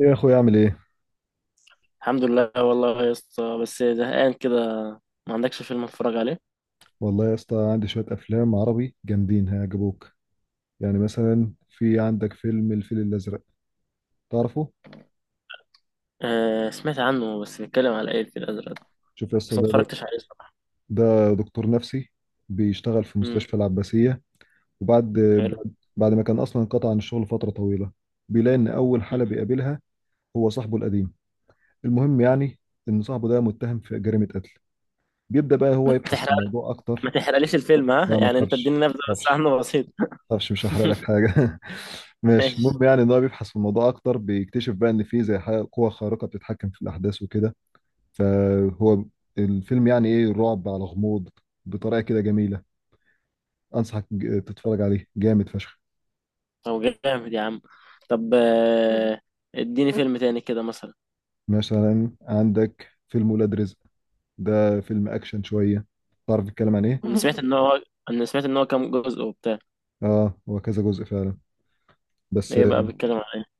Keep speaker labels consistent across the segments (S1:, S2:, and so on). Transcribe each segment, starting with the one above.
S1: ايه يا اخوي اعمل ايه؟
S2: الحمد لله والله يا اسطى، بس زهقان كده. ما عندكش فيلم اتفرج عليه؟
S1: والله يا اسطى عندي شويه افلام عربي جامدين هيعجبوك. يعني مثلا في عندك فيلم الفيل الازرق، تعرفه؟
S2: آه، سمعت عنه، بس بيتكلم على ايه الفيل الازرق؟
S1: شوف يا اسطى،
S2: بس ما
S1: ده, ده
S2: اتفرجتش عليه صراحة.
S1: ده دكتور نفسي، بيشتغل في
S2: امم.
S1: مستشفى العباسيه. وبعد
S2: حلو.
S1: بعد, بعد ما كان اصلا انقطع عن الشغل فتره طويله، بيلاقي ان اول
S2: مم.
S1: حاله بيقابلها هو صاحبه القديم. المهم يعني ان صاحبه ده متهم في جريمه قتل، بيبدا بقى
S2: ما
S1: هو يبحث في
S2: تحرق
S1: الموضوع اكتر.
S2: ما تحرقليش الفيلم، ها
S1: لا، ما
S2: يعني انت
S1: تخافش
S2: اديني نبذة
S1: ما
S2: بس
S1: تخافش،
S2: عنه بسيط.
S1: معرفش، مش هحرق لك حاجه. ماشي،
S2: ماشي.
S1: المهم يعني ان هو بيبحث في الموضوع اكتر، بيكتشف بقى ان في زي حاجه قوه خارقه بتتحكم في الاحداث وكده. فهو الفيلم يعني ايه، رعب على غموض، بطريقه كده جميله. انصحك تتفرج عليه، جامد فشخ.
S2: طب جامد يا عم. طب آه، اديني فيلم تاني كده مثلا.
S1: مثلا عندك فيلم ولاد رزق، ده فيلم اكشن شويه، تعرف الكلام عن ايه؟
S2: انا سمعت ان هو انا سمعت ان هو كام جزء وبتاع.
S1: اه، هو كذا جزء فعلا، بس
S2: ايه بقى بيتكلم على ايه؟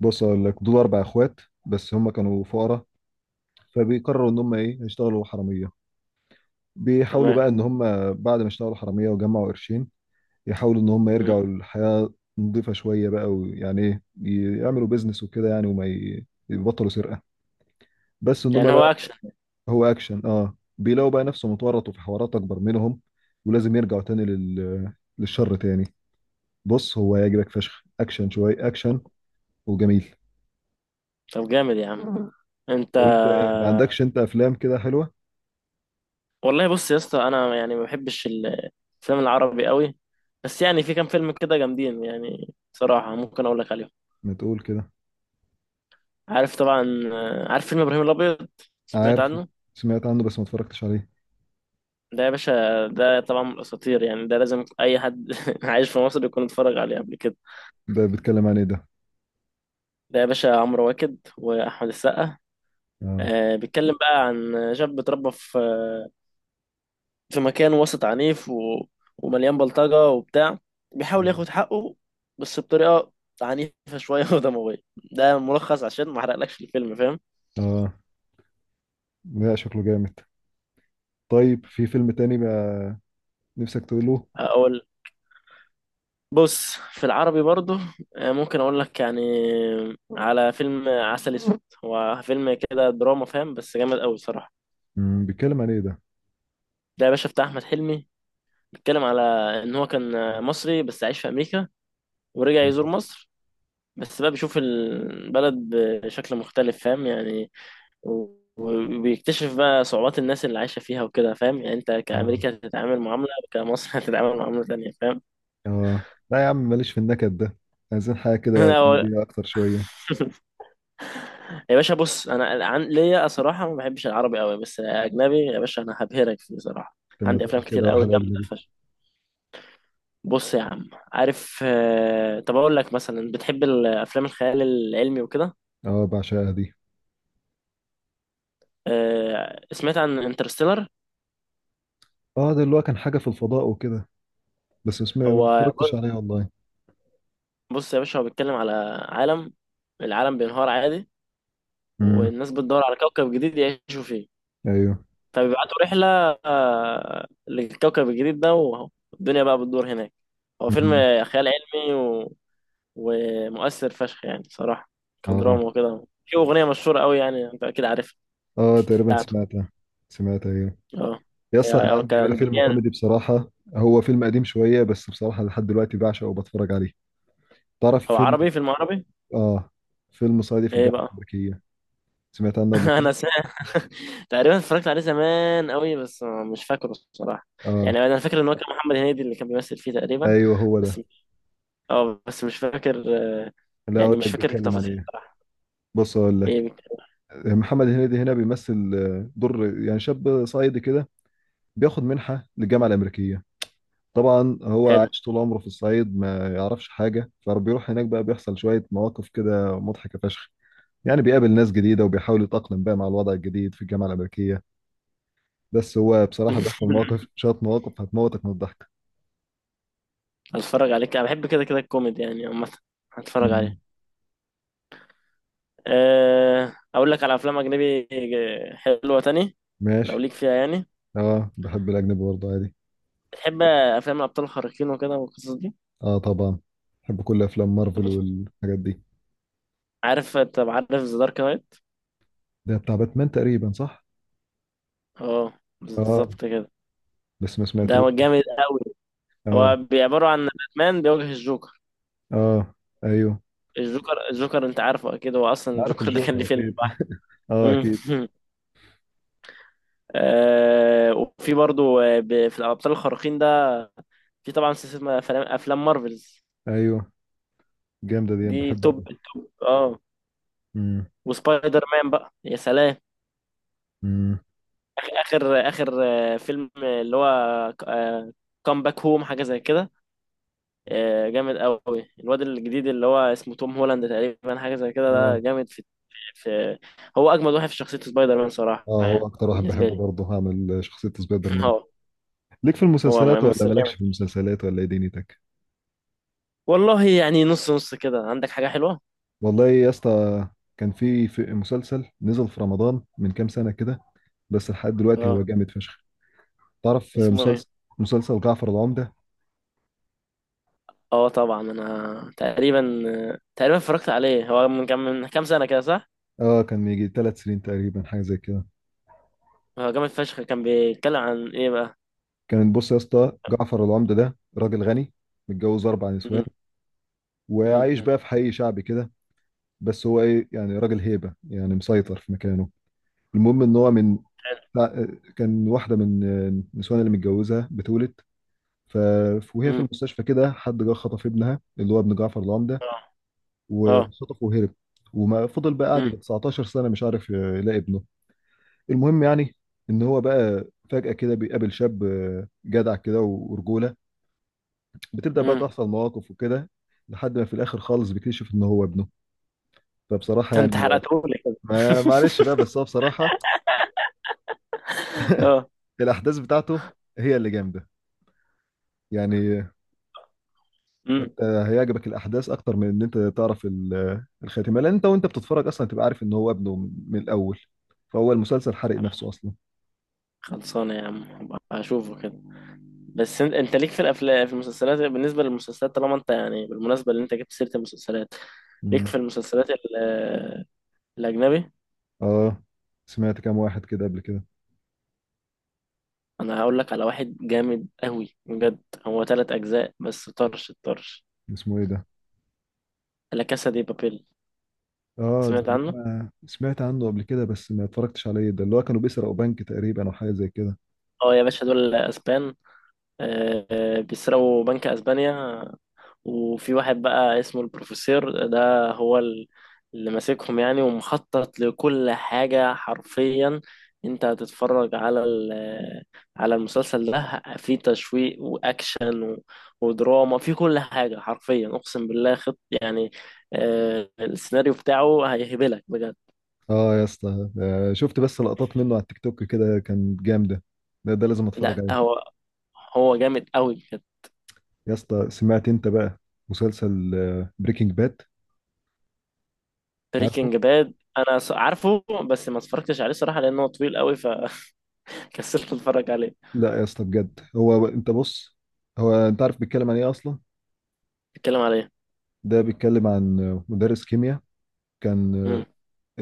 S1: بص اقول لك، دول اربع اخوات بس هم كانوا فقراء، فبيقرروا ان هم ايه يشتغلوا حراميه. بيحاولوا
S2: تمام.
S1: بقى ان هم بعد ما اشتغلوا حراميه وجمعوا قرشين، يحاولوا ان هم
S2: مم.
S1: يرجعوا للحياه نظيفه شويه بقى، ويعني ايه، يعملوا بيزنس وكده يعني، وما يبطلوا سرقه. بس ان
S2: يعني
S1: هم
S2: هو
S1: بقى،
S2: اكشن؟
S1: هو اكشن، اه، بيلاقوا بقى نفسهم اتورطوا في حوارات اكبر منهم، ولازم يرجعوا تاني للشر تاني. بص، هو هيعجبك فشخ، اكشن شويه اكشن وجميل.
S2: طب جامد يا عم. انت.
S1: طب انت ايه، ما عندكش انت افلام كده حلوه؟
S2: والله بص يا اسطى، انا يعني ما بحبش الفيلم العربي قوي. بس يعني في كام فيلم كده جامدين، يعني صراحة ممكن اقول لك عليهم.
S1: ما تقول كده.
S2: عارف طبعا. آه، عارف فيلم ابراهيم الابيض؟ سمعت
S1: عارفه،
S2: عنه.
S1: سمعت عنه بس ما اتفرجتش عليه.
S2: ده يا باشا، ده طبعا من الاساطير، يعني ده لازم اي حد عايش في مصر يكون اتفرج عليه قبل كده.
S1: ده بيتكلم عن ايه ده؟
S2: ده يا باشا، عمرو واكد واحمد السقا.
S1: اه.
S2: آه، بيتكلم بقى عن شاب اتربى في مكان وسط عنيف و... ومليان بلطجة وبتاع. بيحاول ياخد حقه، بس بطريقة عنيفة شوية ودموية. ده ملخص عشان ما احرقلكش الفيلم، فاهم؟
S1: اه. لا، شكله جامد. طيب في فيلم تاني بقى نفسك تقوله؟
S2: اقول. بص في العربي برضو. آه، ممكن اقول لك يعني على فيلم عسل اسود. هو فيلم كده دراما، فاهم؟ بس جامد قوي الصراحة.
S1: بيتكلم عن ايه ده؟
S2: ده يا باشا، بتاع احمد حلمي. بيتكلم على ان هو كان مصري بس عايش في امريكا، ورجع يزور مصر. بس بقى بيشوف البلد بشكل مختلف، فاهم يعني؟ وبيكتشف بقى صعوبات الناس اللي عايشة فيها وكده، فاهم يعني انت
S1: اه.
S2: كأمريكا هتتعامل معاملة، كمصر هتتعامل معاملة تانية، فاهم؟
S1: اه. لا يا عم، ماليش في النكد ده، عايزين حاجه كده
S2: انا
S1: كوميديه اكتر شويه.
S2: يا باشا، بص انا عن... ليا صراحة ما بحبش العربي قوي، بس اجنبي يا باشا انا هبهرك فيه صراحة.
S1: لما
S2: عندي
S1: تقول
S2: افلام
S1: كده
S2: كتير قوي
S1: واحد اجنبي.
S2: جامدة فشخ. بص يا عم، عارف، آه، طب اقول لك مثلا، بتحب الافلام الخيال العلمي وكده؟
S1: اه، بعشقها دي.
S2: آه، سمعت عن انترستيلر؟
S1: اه، ده اللي هو كان حاجه في الفضاء وكده، بس اسمه إيه؟ ما
S2: هو،
S1: اتفرجتش عليه والله.
S2: بص يا باشا، هو بيتكلم على عالم العالم بينهار عادي،
S1: امم.
S2: والناس بتدور على كوكب جديد يعيشوا فيه.
S1: ايوه.
S2: فبيبعتوا رحلة، آه، للكوكب الجديد ده، والدنيا بقى بتدور هناك. هو فيلم
S1: امم.
S2: خيال علمي و... ومؤثر فشخ يعني صراحة،
S1: اه.
S2: كدراما وكده. في أغنية مشهورة قوي، يعني أنت أكيد عارفها.
S1: اه، تقريبا
S2: بتاعته.
S1: سمعتها. سمعتها، ايوه.
S2: اه،
S1: يا اسطى انا
S2: هو
S1: عندي بقى
S2: كان
S1: فيلم
S2: بيان.
S1: كوميدي بصراحه، هو فيلم قديم شويه بس بصراحه لحد دلوقتي بعشقه وبتفرج عليه. تعرف
S2: هو
S1: فيلم؟
S2: عربي، فيلم عربي؟
S1: اه. فيلم صعيدي في
S2: إيه
S1: الجامعة
S2: بقى؟
S1: الأمريكية، سمعت عنه قبل كده؟
S2: أنا سمعت. تقريبا اتفرجت عليه زمان قوي، بس مش فاكره الصراحة.
S1: اه،
S2: يعني أنا فاكر إن هو كان محمد هنيدي اللي كان بيمثل فيه تقريبا.
S1: ايوه هو ده.
S2: بس، اه، بس مش فاكر. آه،
S1: لا،
S2: يعني
S1: اقول
S2: مش
S1: لك
S2: فاكر
S1: بيتكلم عن
S2: التفاصيل
S1: ايه،
S2: صراحة.
S1: بص اقول لك.
S2: ايه.
S1: محمد هنيدي هنا بيمثل دور يعني شاب صعيدي كده، بياخد منحة للجامعة الأمريكية. طبعا هو
S2: حلو.
S1: عايش طول عمره في الصعيد، ما يعرفش حاجة، فبيروح هناك بقى بيحصل شوية مواقف كده مضحكة فشخ. يعني بيقابل ناس جديدة وبيحاول يتأقلم بقى مع الوضع الجديد في الجامعة الأمريكية، بس هو بصراحة بيحصل مواقف، شوية مواقف هتموتك من الضحك.
S2: هتفرج عليك، انا بحب كده كده الكوميدي يعني عامة. هتفرج
S1: مم.
S2: عليه. أه، اقول لك على افلام اجنبي، آه، حلوة تاني. لو
S1: ماشي.
S2: ليك فيها يعني.
S1: اه، بحب الأجنبي برضه عادي.
S2: بتحب افلام الابطال الخارقين وكده والقصص دي؟
S1: اه طبعا، بحب كل افلام
S2: طب
S1: مارفل والحاجات دي.
S2: عارف. ذا دارك نايت؟
S1: ده بتاع باتمان تقريبا، صح؟
S2: اه،
S1: اه،
S2: بالظبط كده.
S1: بس ما
S2: ده
S1: سمعتوش.
S2: جامد قوي. هو
S1: اه.
S2: بيعبروا عن باتمان بيواجه الجوكر.
S1: اه. ايوه.
S2: الجوكر، انت عارفه اكيد. هو اصلا
S1: عارف
S2: الجوكر ده كان
S1: الجوكر
S2: ليه فيلم
S1: اكيد. اه، اكيد.
S2: لوحده. آه، وفي برضو، آه، في الابطال الخارقين ده، في طبعا سلسله أفلام مارفلز.
S1: ايوه، جامده دي، أنا
S2: دي
S1: بحبها
S2: توب
S1: قوي.
S2: التوب، اه.
S1: امم.
S2: وسبايدر مان بقى، يا سلام.
S1: امم.
S2: اخر اخر، آه، فيلم اللي هو كام باك هوم، حاجه زي كده. آه، جامد قوي. الواد الجديد اللي هو اسمه توم هولاند تقريبا، حاجه زي كده، ده
S1: اه.
S2: جامد في. في هو اجمد واحد في شخصيه سبايدر مان صراحه
S1: اه، هو
S2: يعني،
S1: اكتر واحد
S2: بالنسبه
S1: بحبه
S2: لي.
S1: برضه، هعمل شخصيه سبايدر مان.
S2: هو
S1: ليك في
S2: هو
S1: المسلسلات ولا
S2: ممثل
S1: مالكش في
S2: جامد.
S1: المسلسلات، ولا ايه دنيتك؟
S2: والله يعني نص نص كده، عندك حاجه حلوه؟
S1: والله يا اسطى، كان في مسلسل نزل في رمضان من كام سنه كده، بس لحد دلوقتي هو
S2: اه.
S1: جامد فشخ. تعرف
S2: اسمه ايه؟
S1: مسلسل؟ مسلسل جعفر العمدة.
S2: اه طبعا، انا تقريبا اتفرجت عليه. هو من كام سنه كده، صح؟
S1: اه، كان من يجي 3 سنين تقريبا، حاجه زي كده.
S2: هو جامد فشخ. كان بيتكلم عن ايه بقى؟
S1: كان بص يا اسطى، جعفر العمده ده راجل غني، متجوز اربع نسوان،
S2: مم. مم.
S1: وعايش بقى في حي شعبي كده، بس هو ايه يعني راجل هيبه، يعني مسيطر في مكانه. المهم ان هو من، كان واحده من النسوان اللي متجوزها بتولد، ف... وهي في
S2: مم.
S1: المستشفى كده حد جه خطف ابنها اللي هو ابن جعفر العمده،
S2: اه. اه.
S1: وخطفه وهرب. وما فضل بقى قاعد
S2: مم.
S1: يجي 19 سنه مش عارف يلاقي ابنه. المهم يعني ان هو بقى، فجأة كده بيقابل شاب جدع كده ورجولة، بتبدأ بقى
S2: مم.
S1: تحصل مواقف وكده، لحد ما في الاخر خالص بيكتشف ان هو ابنه. فبصراحة
S2: انت
S1: يعني هو،
S2: حرقتهولي كده.
S1: ما معلش بقى، بس هو بصراحة
S2: اه.
S1: الاحداث بتاعته هي اللي جامدة، يعني
S2: مم.
S1: هيعجبك الاحداث اكتر من ان انت تعرف الخاتمة، لان انت وانت بتتفرج اصلا تبقى عارف ان هو ابنه من الاول، فهو المسلسل حرق
S2: يا عم
S1: نفسه اصلا.
S2: خلصانه، يا عم هبقى اشوفه كده. بس انت ليك في الافلام، في المسلسلات؟ بالنسبه للمسلسلات، طالما انت يعني بالمناسبه اللي انت جبت سيره المسلسلات، ليك
S1: مم.
S2: في المسلسلات الاجنبي؟
S1: اه، سمعت كام واحد كده قبل كده.
S2: انا هقول لك على واحد جامد قوي بجد. هو ثلاث اجزاء بس، طرش الطرش.
S1: اسمه ايه ده؟
S2: لا كاسا دي بابيل.
S1: اه، ده
S2: سمعت
S1: اللي
S2: عنه.
S1: هم سمعت عنه قبل كده بس ما اتفرجتش عليه، ده اللي هو كانوا بيسرقوا بنك تقريبا او حاجه زي كده.
S2: اه يا باشا، دول اسبان. آه، بيسرقوا بنك اسبانيا. وفي واحد بقى اسمه البروفيسور، ده هو اللي ماسكهم يعني، ومخطط لكل حاجة حرفيا. انت هتتفرج على المسلسل ده، في تشويق واكشن ودراما في كل حاجة حرفيا، اقسم بالله خط يعني. آه، السيناريو بتاعه هيهبلك بجد.
S1: اه يا اسطى، شفت بس لقطات منه على التيك توك كده، كان جامده، ده لازم اتفرج
S2: لا،
S1: عليه.
S2: هو جامد قوي بجد.
S1: يا اسطى سمعت انت بقى مسلسل بريكنج باد؟ عارفه.
S2: بريكنج باد، انا عارفه. بس ما اتفرجتش عليه صراحة لانه طويل قوي، فكسلت اتفرج عليه.
S1: لا يا اسطى بجد، هو انت بص، هو انت عارف بيتكلم عن ايه اصلا؟
S2: بيتكلم عليه؟
S1: ده بيتكلم عن مدرس كيمياء، كان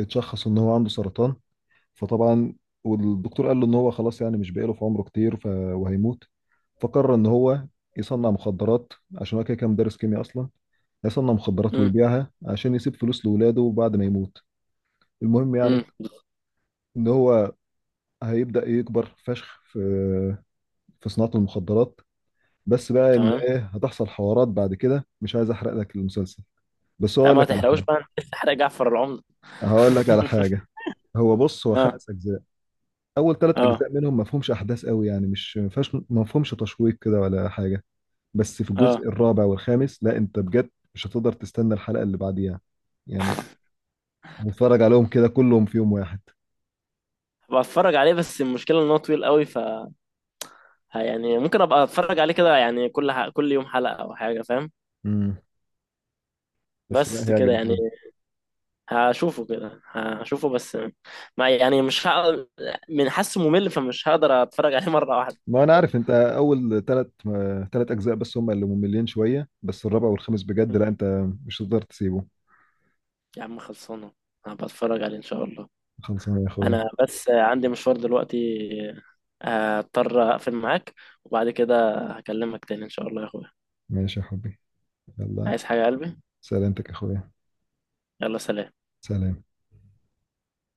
S1: اتشخص ان هو عنده سرطان. فطبعا والدكتور قال له ان هو خلاص، يعني مش باقي له في عمره كتير، وهيموت. فقرر ان هو يصنع مخدرات، عشان هو كده كان مدرس كيمياء اصلا، هيصنع مخدرات
S2: امم.
S1: ويبيعها عشان يسيب فلوس لاولاده بعد ما يموت. المهم
S2: امم.
S1: يعني ان هو هيبدأ يكبر فشخ في صناعة المخدرات. بس بقى ان
S2: تمام.
S1: ايه هتحصل حوارات بعد كده، مش عايز احرق لك المسلسل. بس
S2: لا،
S1: هقول
S2: ما
S1: لك على
S2: تحرقوش
S1: حاجة
S2: بقى، انت لسه حرق جعفر العمدة.
S1: هقول لك على حاجة هو بص، هو
S2: اه.
S1: خمس اجزاء. اول ثلاث
S2: اه.
S1: اجزاء منهم ما فيهمش احداث قوي، يعني مش ما فيهاش ما فيهمش تشويق كده ولا حاجة. بس في
S2: اه.
S1: الجزء الرابع والخامس، لا انت بجد مش هتقدر تستنى الحلقة اللي بعديها، يعني هنتفرج عليهم كده كلهم في يوم واحد.
S2: هبقى اتفرج عليه، بس المشكلة ان هو طويل قوي، يعني ممكن ابقى اتفرج عليه كده يعني كل يوم حلقة او حاجة، فاهم؟
S1: امم. بس لا،
S2: بس كده
S1: هيعجبك
S2: يعني،
S1: قوي.
S2: هشوفه كده، هشوفه بس. ما يعني مش من حاسه ممل، فمش هقدر اتفرج عليه مرة واحدة.
S1: ما انا عارف، انت اول ثلاث اجزاء بس هم اللي مملين شوية، بس الرابع والخامس بجد لا، انت مش هتقدر تسيبه.
S2: يا عم خلصانة، هبقى اتفرج عليه ان شاء الله.
S1: خلصانه يا اخويا.
S2: انا بس عندي مشوار دلوقتي، هضطر اقفل معاك، وبعد كده هكلمك تاني ان شاء الله يا اخويا.
S1: ماشي يا حبي. يلا.
S2: عايز حاجة يا قلبي؟
S1: سلامتك يا اخويا.
S2: يلا، سلام.
S1: سلام.